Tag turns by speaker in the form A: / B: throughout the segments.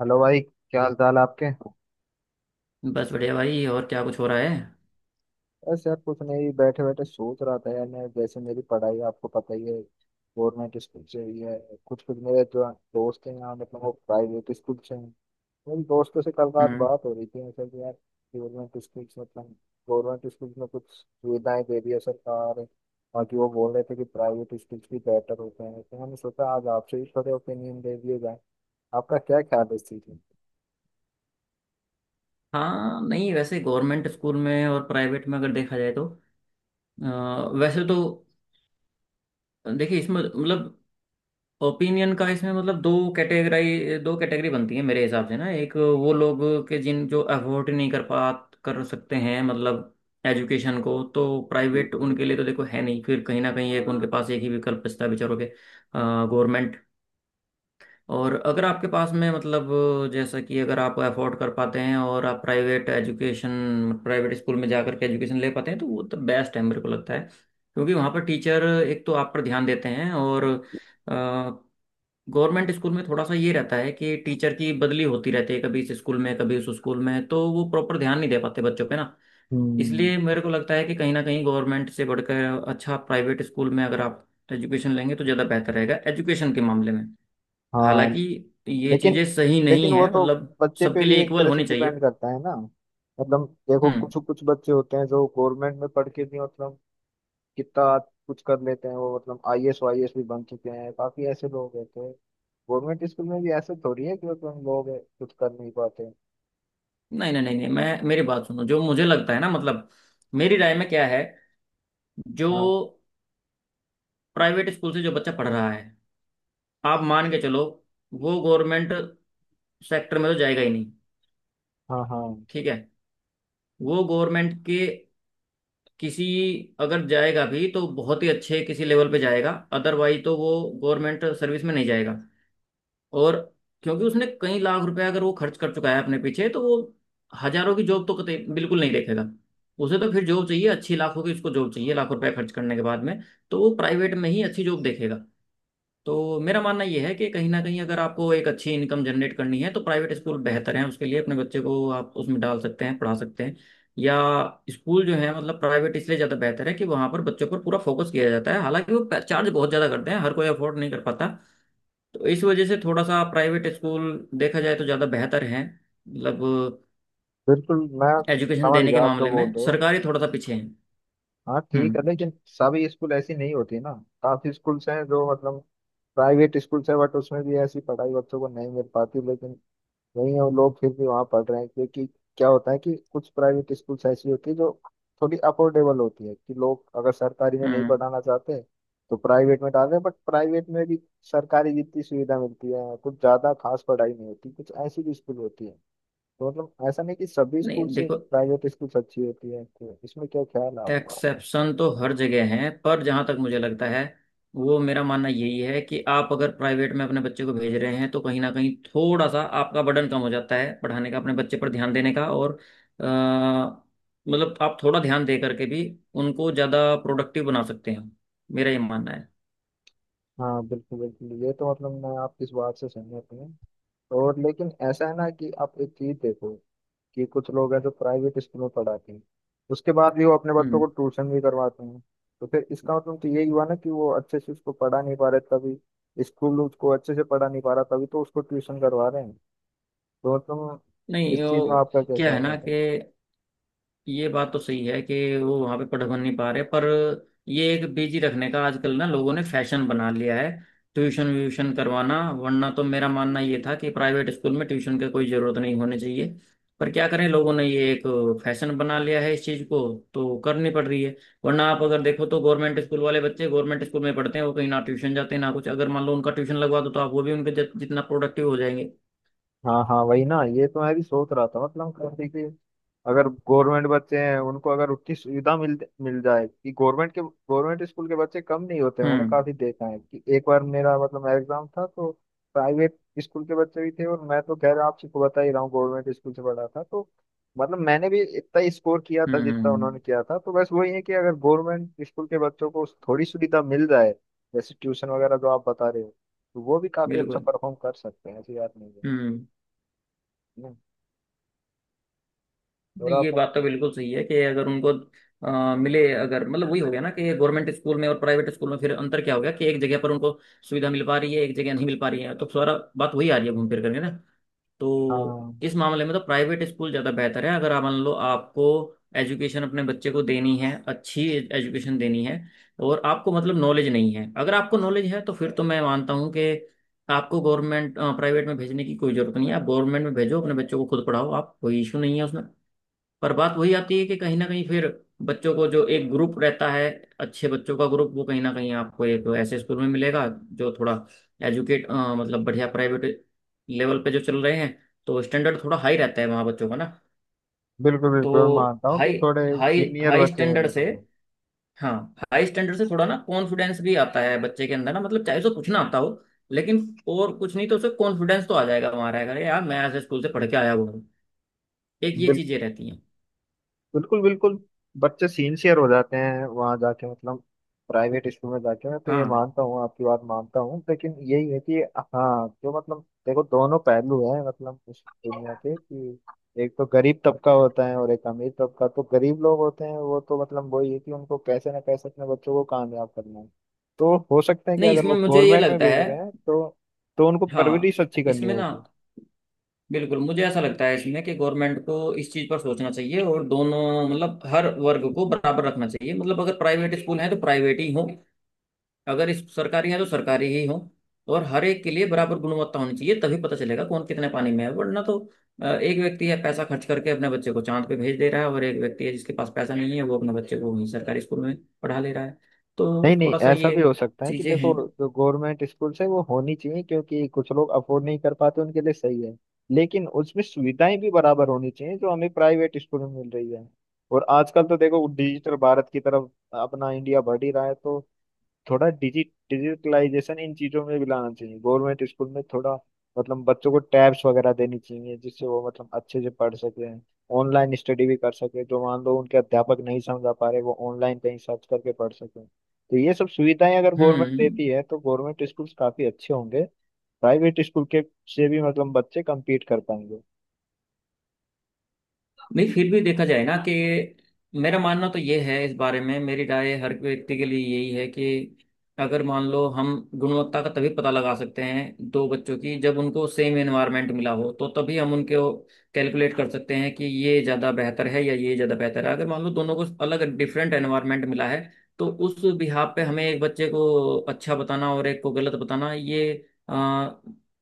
A: Hello भाई, क्या हाल चाल है आपके।
B: बस बढ़िया भाई। और क्या कुछ हो रहा है?
A: बस यार कुछ नहीं, बैठे बैठे सोच रहा था यार। मैं जैसे, मेरी पढ़ाई आपको पता ही है, गवर्नमेंट स्कूल से ही है। कुछ कुछ मेरे जो दोस्त हैं यहाँ, मतलब वो प्राइवेट स्कूल से हैं। मेरे दोस्तों से कल रात
B: हम्म।
A: बात हो रही थी, मतलब कि यार गवर्नमेंट स्कूल, मतलब गवर्नमेंट स्कूल में कुछ सुविधाएं दे रही है सरकार। बाकी वो बोल रहे थे कि प्राइवेट स्कूल भी बेटर होते हैं, तो मैंने सोचा आज आपसे ही थोड़े ओपिनियन दे दिए जाए। आपका क्या ख्याल है इस चीज़ में।
B: हाँ, नहीं, वैसे गवर्नमेंट स्कूल में और प्राइवेट में अगर देखा जाए तो अ, वैसे तो देखिए, इसमें मतलब ओपिनियन का, इसमें मतलब दो कैटेगरी बनती है मेरे हिसाब से ना। एक वो लोग के जिन जो अफोर्ड नहीं कर सकते हैं, मतलब एजुकेशन को, तो प्राइवेट
A: लोगों के?
B: उनके लिए तो देखो है नहीं, फिर कहीं ना कहीं एक उनके पास एक ही विकल्प बचता है बेचारों के — गवर्नमेंट। और अगर आपके पास में, मतलब जैसा कि अगर आप अफोर्ड कर पाते हैं और आप प्राइवेट एजुकेशन, प्राइवेट स्कूल में जाकर के एजुकेशन ले पाते हैं, तो वो तो बेस्ट है मेरे को लगता है। क्योंकि वहाँ पर टीचर एक तो आप पर ध्यान देते हैं, और गवर्नमेंट स्कूल में थोड़ा सा ये रहता है कि टीचर की बदली होती रहती है, कभी इस स्कूल में कभी उस स्कूल में, तो वो प्रॉपर ध्यान नहीं दे पाते बच्चों पे ना।
A: हम्म।
B: इसलिए मेरे को लगता है कि कहीं ना कहीं गवर्नमेंट से बढ़कर अच्छा प्राइवेट स्कूल में अगर आप एजुकेशन लेंगे तो ज़्यादा बेहतर रहेगा एजुकेशन के मामले में।
A: हाँ।
B: हालांकि ये
A: लेकिन
B: चीजें सही
A: लेकिन
B: नहीं
A: वो
B: है,
A: तो
B: मतलब
A: बच्चे पे
B: सबके
A: भी
B: लिए
A: एक
B: इक्वल
A: तरह से
B: होनी चाहिए।
A: डिपेंड करता है ना। मतलब देखो,
B: हम्म।
A: कुछ कुछ बच्चे होते हैं जो गवर्नमेंट में पढ़ के भी मतलब कितना कुछ कर लेते हैं। वो मतलब आईएएस वाईएएस भी बन चुके हैं, काफी ऐसे लोग हैं। तो गवर्नमेंट स्कूल में भी ऐसे थोड़ी है कि मतलब लोग कुछ कर नहीं पाते।
B: नहीं, नहीं, नहीं, नहीं, मैं, मेरी बात सुनो। जो मुझे लगता है ना, मतलब मेरी राय में क्या है — जो
A: हाँ
B: प्राइवेट स्कूल से जो बच्चा पढ़ रहा है, आप मान के चलो, वो गवर्नमेंट सेक्टर में तो जाएगा ही नहीं।
A: हाँ हाँ।
B: ठीक है? वो गवर्नमेंट के किसी, अगर जाएगा भी तो बहुत ही अच्छे किसी लेवल पे जाएगा, अदरवाइज तो वो गवर्नमेंट सर्विस में नहीं जाएगा। और क्योंकि उसने कई लाख रुपए अगर वो खर्च कर चुका है अपने पीछे, तो वो हजारों की जॉब तो कतई बिल्कुल नहीं देखेगा। उसे तो फिर जॉब चाहिए अच्छी, लाखों की उसको जॉब चाहिए लाखों रुपए खर्च करने के बाद में। तो वो प्राइवेट में ही अच्छी जॉब देखेगा। तो मेरा मानना यह है कि कहीं ना कहीं अगर आपको एक अच्छी इनकम जनरेट करनी है तो प्राइवेट स्कूल बेहतर है उसके लिए, अपने बच्चे को आप उसमें डाल सकते हैं, पढ़ा सकते हैं। या स्कूल जो है, मतलब प्राइवेट इसलिए ज़्यादा बेहतर है कि वहाँ पर बच्चों पर पूरा फोकस किया जाता है। हालांकि वो चार्ज बहुत ज़्यादा करते हैं, हर कोई अफोर्ड नहीं कर पाता। तो इस वजह से थोड़ा सा प्राइवेट स्कूल देखा जाए तो ज़्यादा बेहतर है, मतलब
A: बिल्कुल, मैं
B: एजुकेशन
A: समझ
B: देने के
A: गया आप जो
B: मामले
A: बोल
B: में
A: रहे हो।
B: सरकारी थोड़ा सा पीछे है।
A: हाँ ठीक है,
B: हम्म।
A: लेकिन सभी स्कूल ऐसी नहीं होती ना। काफी स्कूल्स हैं जो मतलब प्राइवेट स्कूल्स है, बट उसमें भी ऐसी पढ़ाई बच्चों को नहीं मिल पाती। लेकिन नहीं, हम लोग फिर भी वहाँ पढ़ रहे हैं क्योंकि क्या होता है कि कुछ प्राइवेट स्कूल्स ऐसी होती है जो थोड़ी अफोर्डेबल होती है कि लोग अगर सरकारी में नहीं
B: हम्म।
A: पढ़ाना चाहते तो प्राइवेट में डाल रहे हैं। बट प्राइवेट में भी सरकारी जितनी सुविधा मिलती है, कुछ ज़्यादा खास पढ़ाई नहीं होती, कुछ ऐसी भी स्कूल होती है। तो मतलब ऐसा नहीं कि सभी
B: नहीं,
A: स्कूल से
B: देखो,
A: प्राइवेट स्कूल्स अच्छी होती है। तो इसमें क्या ख्याल है आपका।
B: एक्सेप्शन तो हर जगह है, पर जहाँ तक मुझे लगता है, वो मेरा मानना यही है कि आप अगर प्राइवेट में अपने बच्चे को भेज रहे हैं तो कहीं ना कहीं थोड़ा सा आपका बर्डन कम हो जाता है पढ़ाने का, अपने बच्चे पर ध्यान देने का। और अ, मतलब आप थोड़ा ध्यान दे करके भी उनको ज़्यादा प्रोडक्टिव बना सकते हैं। मेरा ये मानना है।
A: हाँ बिल्कुल बिल्कुल, ये तो मतलब मैं आपकी इस बात से सहमत हूँ। और लेकिन ऐसा है ना कि आप एक चीज देखो कि कुछ लोग हैं जो प्राइवेट स्कूल में पढ़ाते हैं, उसके बाद भी वो अपने बच्चों
B: हम्म।
A: को ट्यूशन भी करवाते हैं। तो फिर इसका मतलब तो यही हुआ ना कि वो अच्छे से उसको पढ़ा नहीं पा रहे, तभी स्कूल उसको अच्छे से पढ़ा नहीं पा रहा, तभी तो उसको ट्यूशन करवा रहे हैं। तो तुम,
B: नहीं,
A: इस चीज में
B: वो
A: आपका क्या
B: क्या है
A: कहना है।
B: ना कि ये बात तो सही है कि वो वहां पे पढ़ बन नहीं पा रहे, पर ये एक बिजी रखने का आजकल ना लोगों ने फैशन बना लिया है, ट्यूशन व्यूशन करवाना। वरना तो मेरा मानना ये था कि प्राइवेट स्कूल में ट्यूशन की कोई जरूरत नहीं होनी चाहिए। पर क्या करें, लोगों ने ये एक फैशन बना लिया है इस चीज को, तो करनी पड़ रही है। वरना आप अगर देखो तो गवर्नमेंट स्कूल वाले बच्चे गवर्नमेंट स्कूल में पढ़ते हैं, वो कहीं ना ट्यूशन जाते हैं ना कुछ। अगर मान लो उनका ट्यूशन लगवा दो, तो आप वो भी उनके जितना प्रोडक्टिव हो जाएंगे।
A: हाँ हाँ, वही ना, ये तो मैं भी सोच रहा था मतलब कैसे कि अगर गवर्नमेंट बच्चे हैं उनको अगर उतनी सुविधा मिल मिल जाए, कि गवर्नमेंट के गवर्नमेंट स्कूल के बच्चे कम नहीं होते। मैंने
B: हम्म।
A: काफी देखा है कि एक बार मेरा, मतलब मेरा एग्जाम था, तो प्राइवेट स्कूल के बच्चे भी थे, और मैं तो खैर आप सबको बता ही रहा हूँ गवर्नमेंट स्कूल से पढ़ा था, तो मतलब मैंने भी इतना ही स्कोर किया
B: हम्म।
A: था जितना उन्होंने
B: हम्म।
A: किया था। तो बस वही है कि अगर गवर्नमेंट स्कूल के बच्चों को थोड़ी सुविधा मिल जाए, जैसे ट्यूशन वगैरह जो आप बता रहे हो, तो वो भी काफी अच्छा
B: बिल्कुल।
A: परफॉर्म कर सकते हैं, ऐसी बात नहीं है।
B: हम्म।
A: और
B: नहीं, ये
A: आप।
B: बात तो बिल्कुल सही है कि अगर उनको मिले, अगर, मतलब वही हो गया ना कि गवर्नमेंट स्कूल में और प्राइवेट स्कूल में फिर अंतर क्या हो गया, कि एक जगह पर उनको सुविधा मिल पा रही है, एक जगह नहीं मिल पा रही है, तो सारा बात वही आ रही है घूम फिर करके ना। तो
A: हाँ
B: इस मामले में तो प्राइवेट स्कूल ज़्यादा बेहतर है। अगर आप मान लो आपको एजुकेशन अपने बच्चे को देनी है अच्छी, एजुकेशन देनी है, और आपको मतलब नॉलेज नहीं है। अगर आपको नॉलेज है तो फिर तो मैं मानता हूँ कि आपको गवर्नमेंट प्राइवेट में भेजने की कोई जरूरत नहीं है, आप गवर्नमेंट में भेजो अपने बच्चों को, खुद पढ़ाओ आप, कोई इशू नहीं है उसमें। पर बात वही आती है कि कहीं ना कहीं फिर बच्चों को जो एक ग्रुप रहता है, अच्छे बच्चों का ग्रुप, वो कहीं ना कहीं आपको एक ऐसे स्कूल में मिलेगा जो थोड़ा एजुकेट, मतलब बढ़िया प्राइवेट लेवल पे जो चल रहे हैं, तो स्टैंडर्ड थोड़ा हाई रहता है वहाँ बच्चों का ना।
A: बिल्कुल
B: तो
A: बिल्कुल, मैं मानता हूँ कि
B: हाई
A: थोड़े
B: हाई
A: सीनियर
B: हाई
A: बच्चे
B: स्टैंडर्ड से,
A: मिलेंगे।
B: हाँ, हाई स्टैंडर्ड से थोड़ा ना कॉन्फिडेंस भी आता है बच्चे के अंदर ना। मतलब चाहे उसे कुछ ना आता हो, लेकिन और कुछ नहीं तो उसे कॉन्फिडेंस तो आ जाएगा, वहाँ रहेगा "अरे यार, मैं ऐसे स्कूल से पढ़ के आया हुआ हूँ"। एक ये चीजें
A: बिल्कुल
B: रहती हैं।
A: बिल्कुल बिल्कुल, बच्चे सिंसियर हो जाते हैं वहां जाके, मतलब प्राइवेट स्कूल में जाके। मैं तो ये
B: हाँ।
A: मानता हूँ, आपकी बात मानता हूँ, लेकिन यही है कि हाँ, जो मतलब देखो दोनों पहलू है मतलब इस दुनिया के कि एक तो गरीब तबका होता है और एक अमीर तबका। तो गरीब लोग होते हैं वो तो मतलब वही है कि उनको कैसे ना कैसे अपने बच्चों को कामयाब करना है। तो हो सकता है कि
B: नहीं,
A: अगर
B: इसमें
A: वो
B: मुझे ये
A: गवर्नमेंट में
B: लगता
A: भेज
B: है।
A: रहे हैं तो उनको
B: हाँ,
A: परवरिश अच्छी करनी
B: इसमें ना,
A: होगी।
B: बिल्कुल मुझे ऐसा लगता है इसमें, कि गवर्नमेंट को इस चीज़ पर सोचना चाहिए और दोनों, मतलब हर वर्ग को बराबर रखना चाहिए। मतलब अगर प्राइवेट स्कूल हैं तो प्राइवेट ही हों, अगर इस सरकारी हैं तो सरकारी ही हों, और हर एक के लिए बराबर गुणवत्ता होनी चाहिए, तभी पता चलेगा कौन कितने पानी में है। वरना तो एक व्यक्ति है पैसा खर्च करके अपने बच्चे को चांद पे भेज दे रहा है, और एक व्यक्ति है जिसके पास पैसा नहीं है, वो अपने बच्चे को वहीं सरकारी स्कूल में पढ़ा ले रहा है।
A: नहीं
B: तो
A: नहीं
B: थोड़ा सा
A: ऐसा
B: ये
A: भी हो सकता है कि
B: चीज़ें
A: देखो
B: हैं।
A: जो गवर्नमेंट स्कूल्स है वो होनी चाहिए क्योंकि कुछ लोग अफोर्ड नहीं कर पाते, उनके लिए सही है। लेकिन उसमें सुविधाएं भी बराबर होनी चाहिए जो हमें प्राइवेट स्कूल में मिल रही है। और आजकल तो देखो डिजिटल भारत की तरफ अपना इंडिया बढ़ ही रहा है, तो थोड़ा डिजिटलाइजेशन इन चीजों में भी लाना चाहिए गवर्नमेंट स्कूल में। थोड़ा मतलब बच्चों को टैब्स वगैरह देनी चाहिए जिससे वो मतलब अच्छे से पढ़ सके, ऑनलाइन स्टडी भी कर सके, जो मान लो उनके अध्यापक नहीं समझा पा रहे वो ऑनलाइन कहीं सर्च करके पढ़ सके। तो ये सब सुविधाएं अगर गवर्नमेंट
B: हम्म।
A: देती है तो गवर्नमेंट स्कूल काफी अच्छे होंगे, प्राइवेट स्कूल के से भी मतलब बच्चे कम्पीट कर पाएंगे।
B: नहीं, फिर भी देखा जाए ना कि मेरा मानना तो ये है, इस बारे में मेरी राय हर व्यक्ति के लिए यही है कि अगर मान लो हम गुणवत्ता का तभी पता लगा सकते हैं दो बच्चों की जब उनको सेम एनवायरनमेंट मिला हो, तो तभी हम उनके कैलकुलेट कर सकते हैं कि ये ज़्यादा बेहतर है या ये ज़्यादा बेहतर है। अगर मान लो दोनों को अलग डिफरेंट एनवायरनमेंट मिला है, तो उस बिहाफ पे हमें एक बच्चे को अच्छा बताना और एक को गलत बताना, ये अ,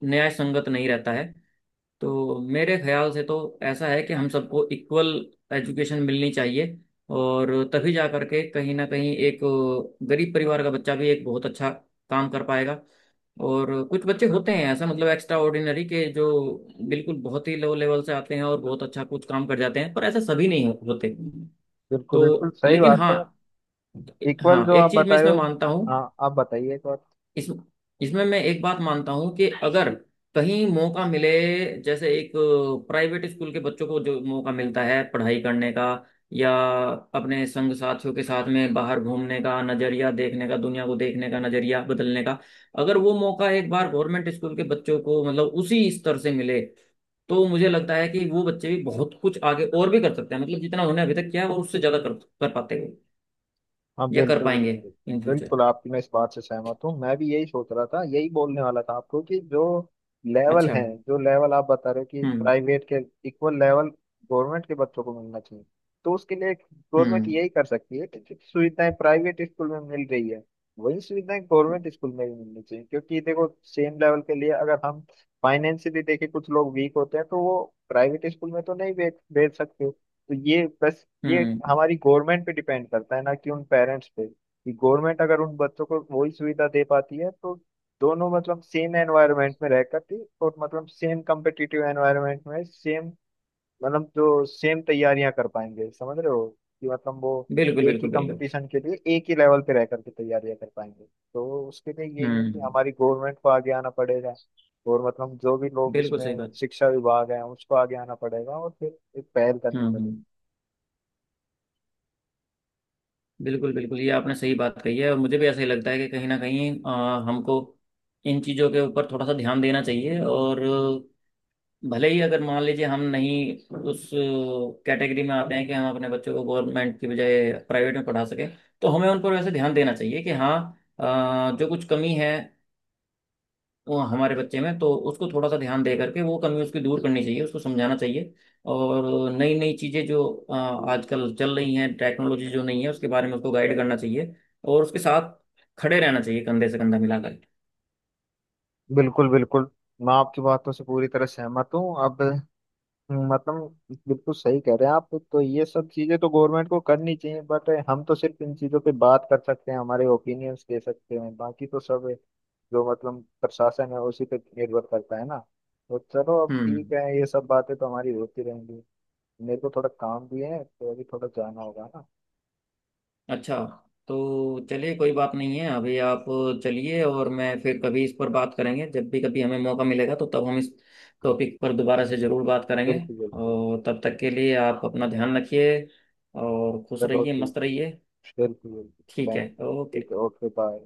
B: न्याय संगत नहीं रहता है। तो मेरे ख्याल से तो ऐसा है कि हम सबको इक्वल एजुकेशन मिलनी चाहिए, और तभी जा करके कहीं ना कहीं एक गरीब परिवार का बच्चा भी एक बहुत अच्छा काम कर पाएगा। और कुछ बच्चे होते हैं ऐसा, मतलब एक्स्ट्रा ऑर्डिनरी के, जो बिल्कुल बहुत ही लो लेवल से आते हैं और बहुत अच्छा कुछ काम कर जाते हैं, पर ऐसा सभी नहीं होते।
A: बिल्कुल
B: तो
A: बिल्कुल सही
B: लेकिन
A: बात
B: हाँ,
A: है। इक्वल
B: हाँ,
A: जो आप
B: एक चीज मैं
A: बताए
B: इसमें
A: हो।
B: मानता हूँ।
A: हाँ आप बताइए।
B: इस, इसमें मैं एक बात मानता हूँ कि अगर कहीं मौका मिले, जैसे एक प्राइवेट स्कूल के बच्चों को जो मौका मिलता है पढ़ाई करने का, या अपने संग साथियों के साथ में बाहर घूमने का, नज़रिया देखने का, दुनिया को देखने का नज़रिया बदलने का — अगर वो मौका एक बार गवर्नमेंट स्कूल के बच्चों को, मतलब उसी स्तर से मिले, तो मुझे लगता है कि वो बच्चे भी बहुत कुछ आगे और भी कर सकते हैं, मतलब जितना उन्होंने अभी तक किया है वो उससे ज़्यादा कर कर पाते हैं,
A: हाँ
B: या कर
A: बिल्कुल
B: पाएंगे
A: बिल्कुल
B: इन फ्यूचर।
A: बिल्कुल, आपकी मैं इस बात से सहमत हूँ, मैं भी यही सोच रहा था, यही बोलने वाला था आपको, कि जो लेवल
B: अच्छा।
A: है, जो लेवल आप बता रहे हो कि
B: हम्म।
A: प्राइवेट के इक्वल लेवल गवर्नमेंट के बच्चों को मिलना चाहिए। तो उसके लिए गवर्नमेंट
B: हम्म।
A: यही कर सकती है कि जो सुविधाएं प्राइवेट स्कूल में मिल रही है वही सुविधाएं गवर्नमेंट स्कूल में भी मिलनी चाहिए। क्योंकि देखो सेम लेवल के लिए अगर हम फाइनेंशियली देखें, कुछ लोग वीक होते हैं तो वो प्राइवेट स्कूल में तो नहीं भेज भेज सकते। तो ये बस ये
B: हम्म।
A: हमारी गवर्नमेंट पे डिपेंड करता है ना, कि उन पेरेंट्स पे, कि गवर्नमेंट अगर उन बच्चों को वही सुविधा दे पाती है तो दोनों मतलब सेम एनवायरनमेंट में रह करती, और मतलब सेम कम्पिटिटिव एनवायरनमेंट में, सेम मतलब जो सेम तैयारियां कर पाएंगे, समझ रहे हो कि मतलब वो
B: बिल्कुल,
A: एक ही
B: बिल्कुल, बिल्कुल।
A: कंपटीशन के लिए एक ही लेवल पे रह करके तैयारियां कर पाएंगे। तो उसके लिए यही है कि
B: हम्म।
A: हमारी गवर्नमेंट को आगे आना पड़ेगा, और मतलब जो भी लोग
B: बिल्कुल सही
A: इसमें
B: बात।
A: शिक्षा विभाग है उसको आगे आना पड़ेगा और फिर एक पहल करनी
B: हम्म,
A: पड़ेगी।
B: हम्म। बिल्कुल बिल्कुल, ये आपने सही बात कही है, और मुझे भी ऐसा ही लगता है कि कहीं ना कहीं हमको इन चीज़ों के ऊपर थोड़ा सा ध्यान देना चाहिए। और भले ही अगर मान लीजिए हम नहीं उस कैटेगरी में आते हैं कि हम अपने बच्चों को गवर्नमेंट की बजाय प्राइवेट में पढ़ा सकें, तो हमें उन पर वैसे ध्यान देना चाहिए कि हाँ, जो कुछ कमी है वो हमारे बच्चे में, तो उसको थोड़ा सा ध्यान दे करके वो कमी उसकी दूर करनी चाहिए, उसको समझाना चाहिए। और नई नई चीज़ें जो आजकल चल रही हैं, टेक्नोलॉजी जो नहीं है उसके बारे में उसको गाइड करना चाहिए, और उसके साथ खड़े रहना चाहिए कंधे से कंधा मिलाकर।
A: बिल्कुल बिल्कुल, मैं आपकी बातों से पूरी तरह सहमत हूँ अब। मतलब बिल्कुल सही कह रहे हैं आप, तो ये सब चीजें तो गवर्नमेंट को करनी चाहिए बट हम तो सिर्फ इन चीजों पे बात कर सकते हैं, हमारे ओपिनियंस दे सकते हैं, बाकी तो सब जो मतलब प्रशासन है उसी पे निर्भर करता है ना। तो चलो अब
B: हम्म।
A: ठीक है, ये सब बातें तो हमारी होती रहेंगी। मेरे को थोड़ा काम भी है, तो अभी थोड़ा जाना होगा ना।
B: अच्छा, तो चलिए कोई बात नहीं है। अभी आप चलिए, और मैं फिर कभी इस पर बात करेंगे। जब भी कभी हमें मौका मिलेगा तो तब हम इस टॉपिक पर दोबारा से ज़रूर बात करेंगे।
A: बिल्कुल बिल्कुल।
B: और तब तक के लिए आप अपना ध्यान रखिए, और खुश
A: चलो
B: रहिए,
A: ठीक
B: मस्त
A: है।
B: रहिए।
A: बिल्कुल बिल्कुल।
B: ठीक है,
A: थैंक यू।
B: ओके।
A: ठीक है, ओके बाय।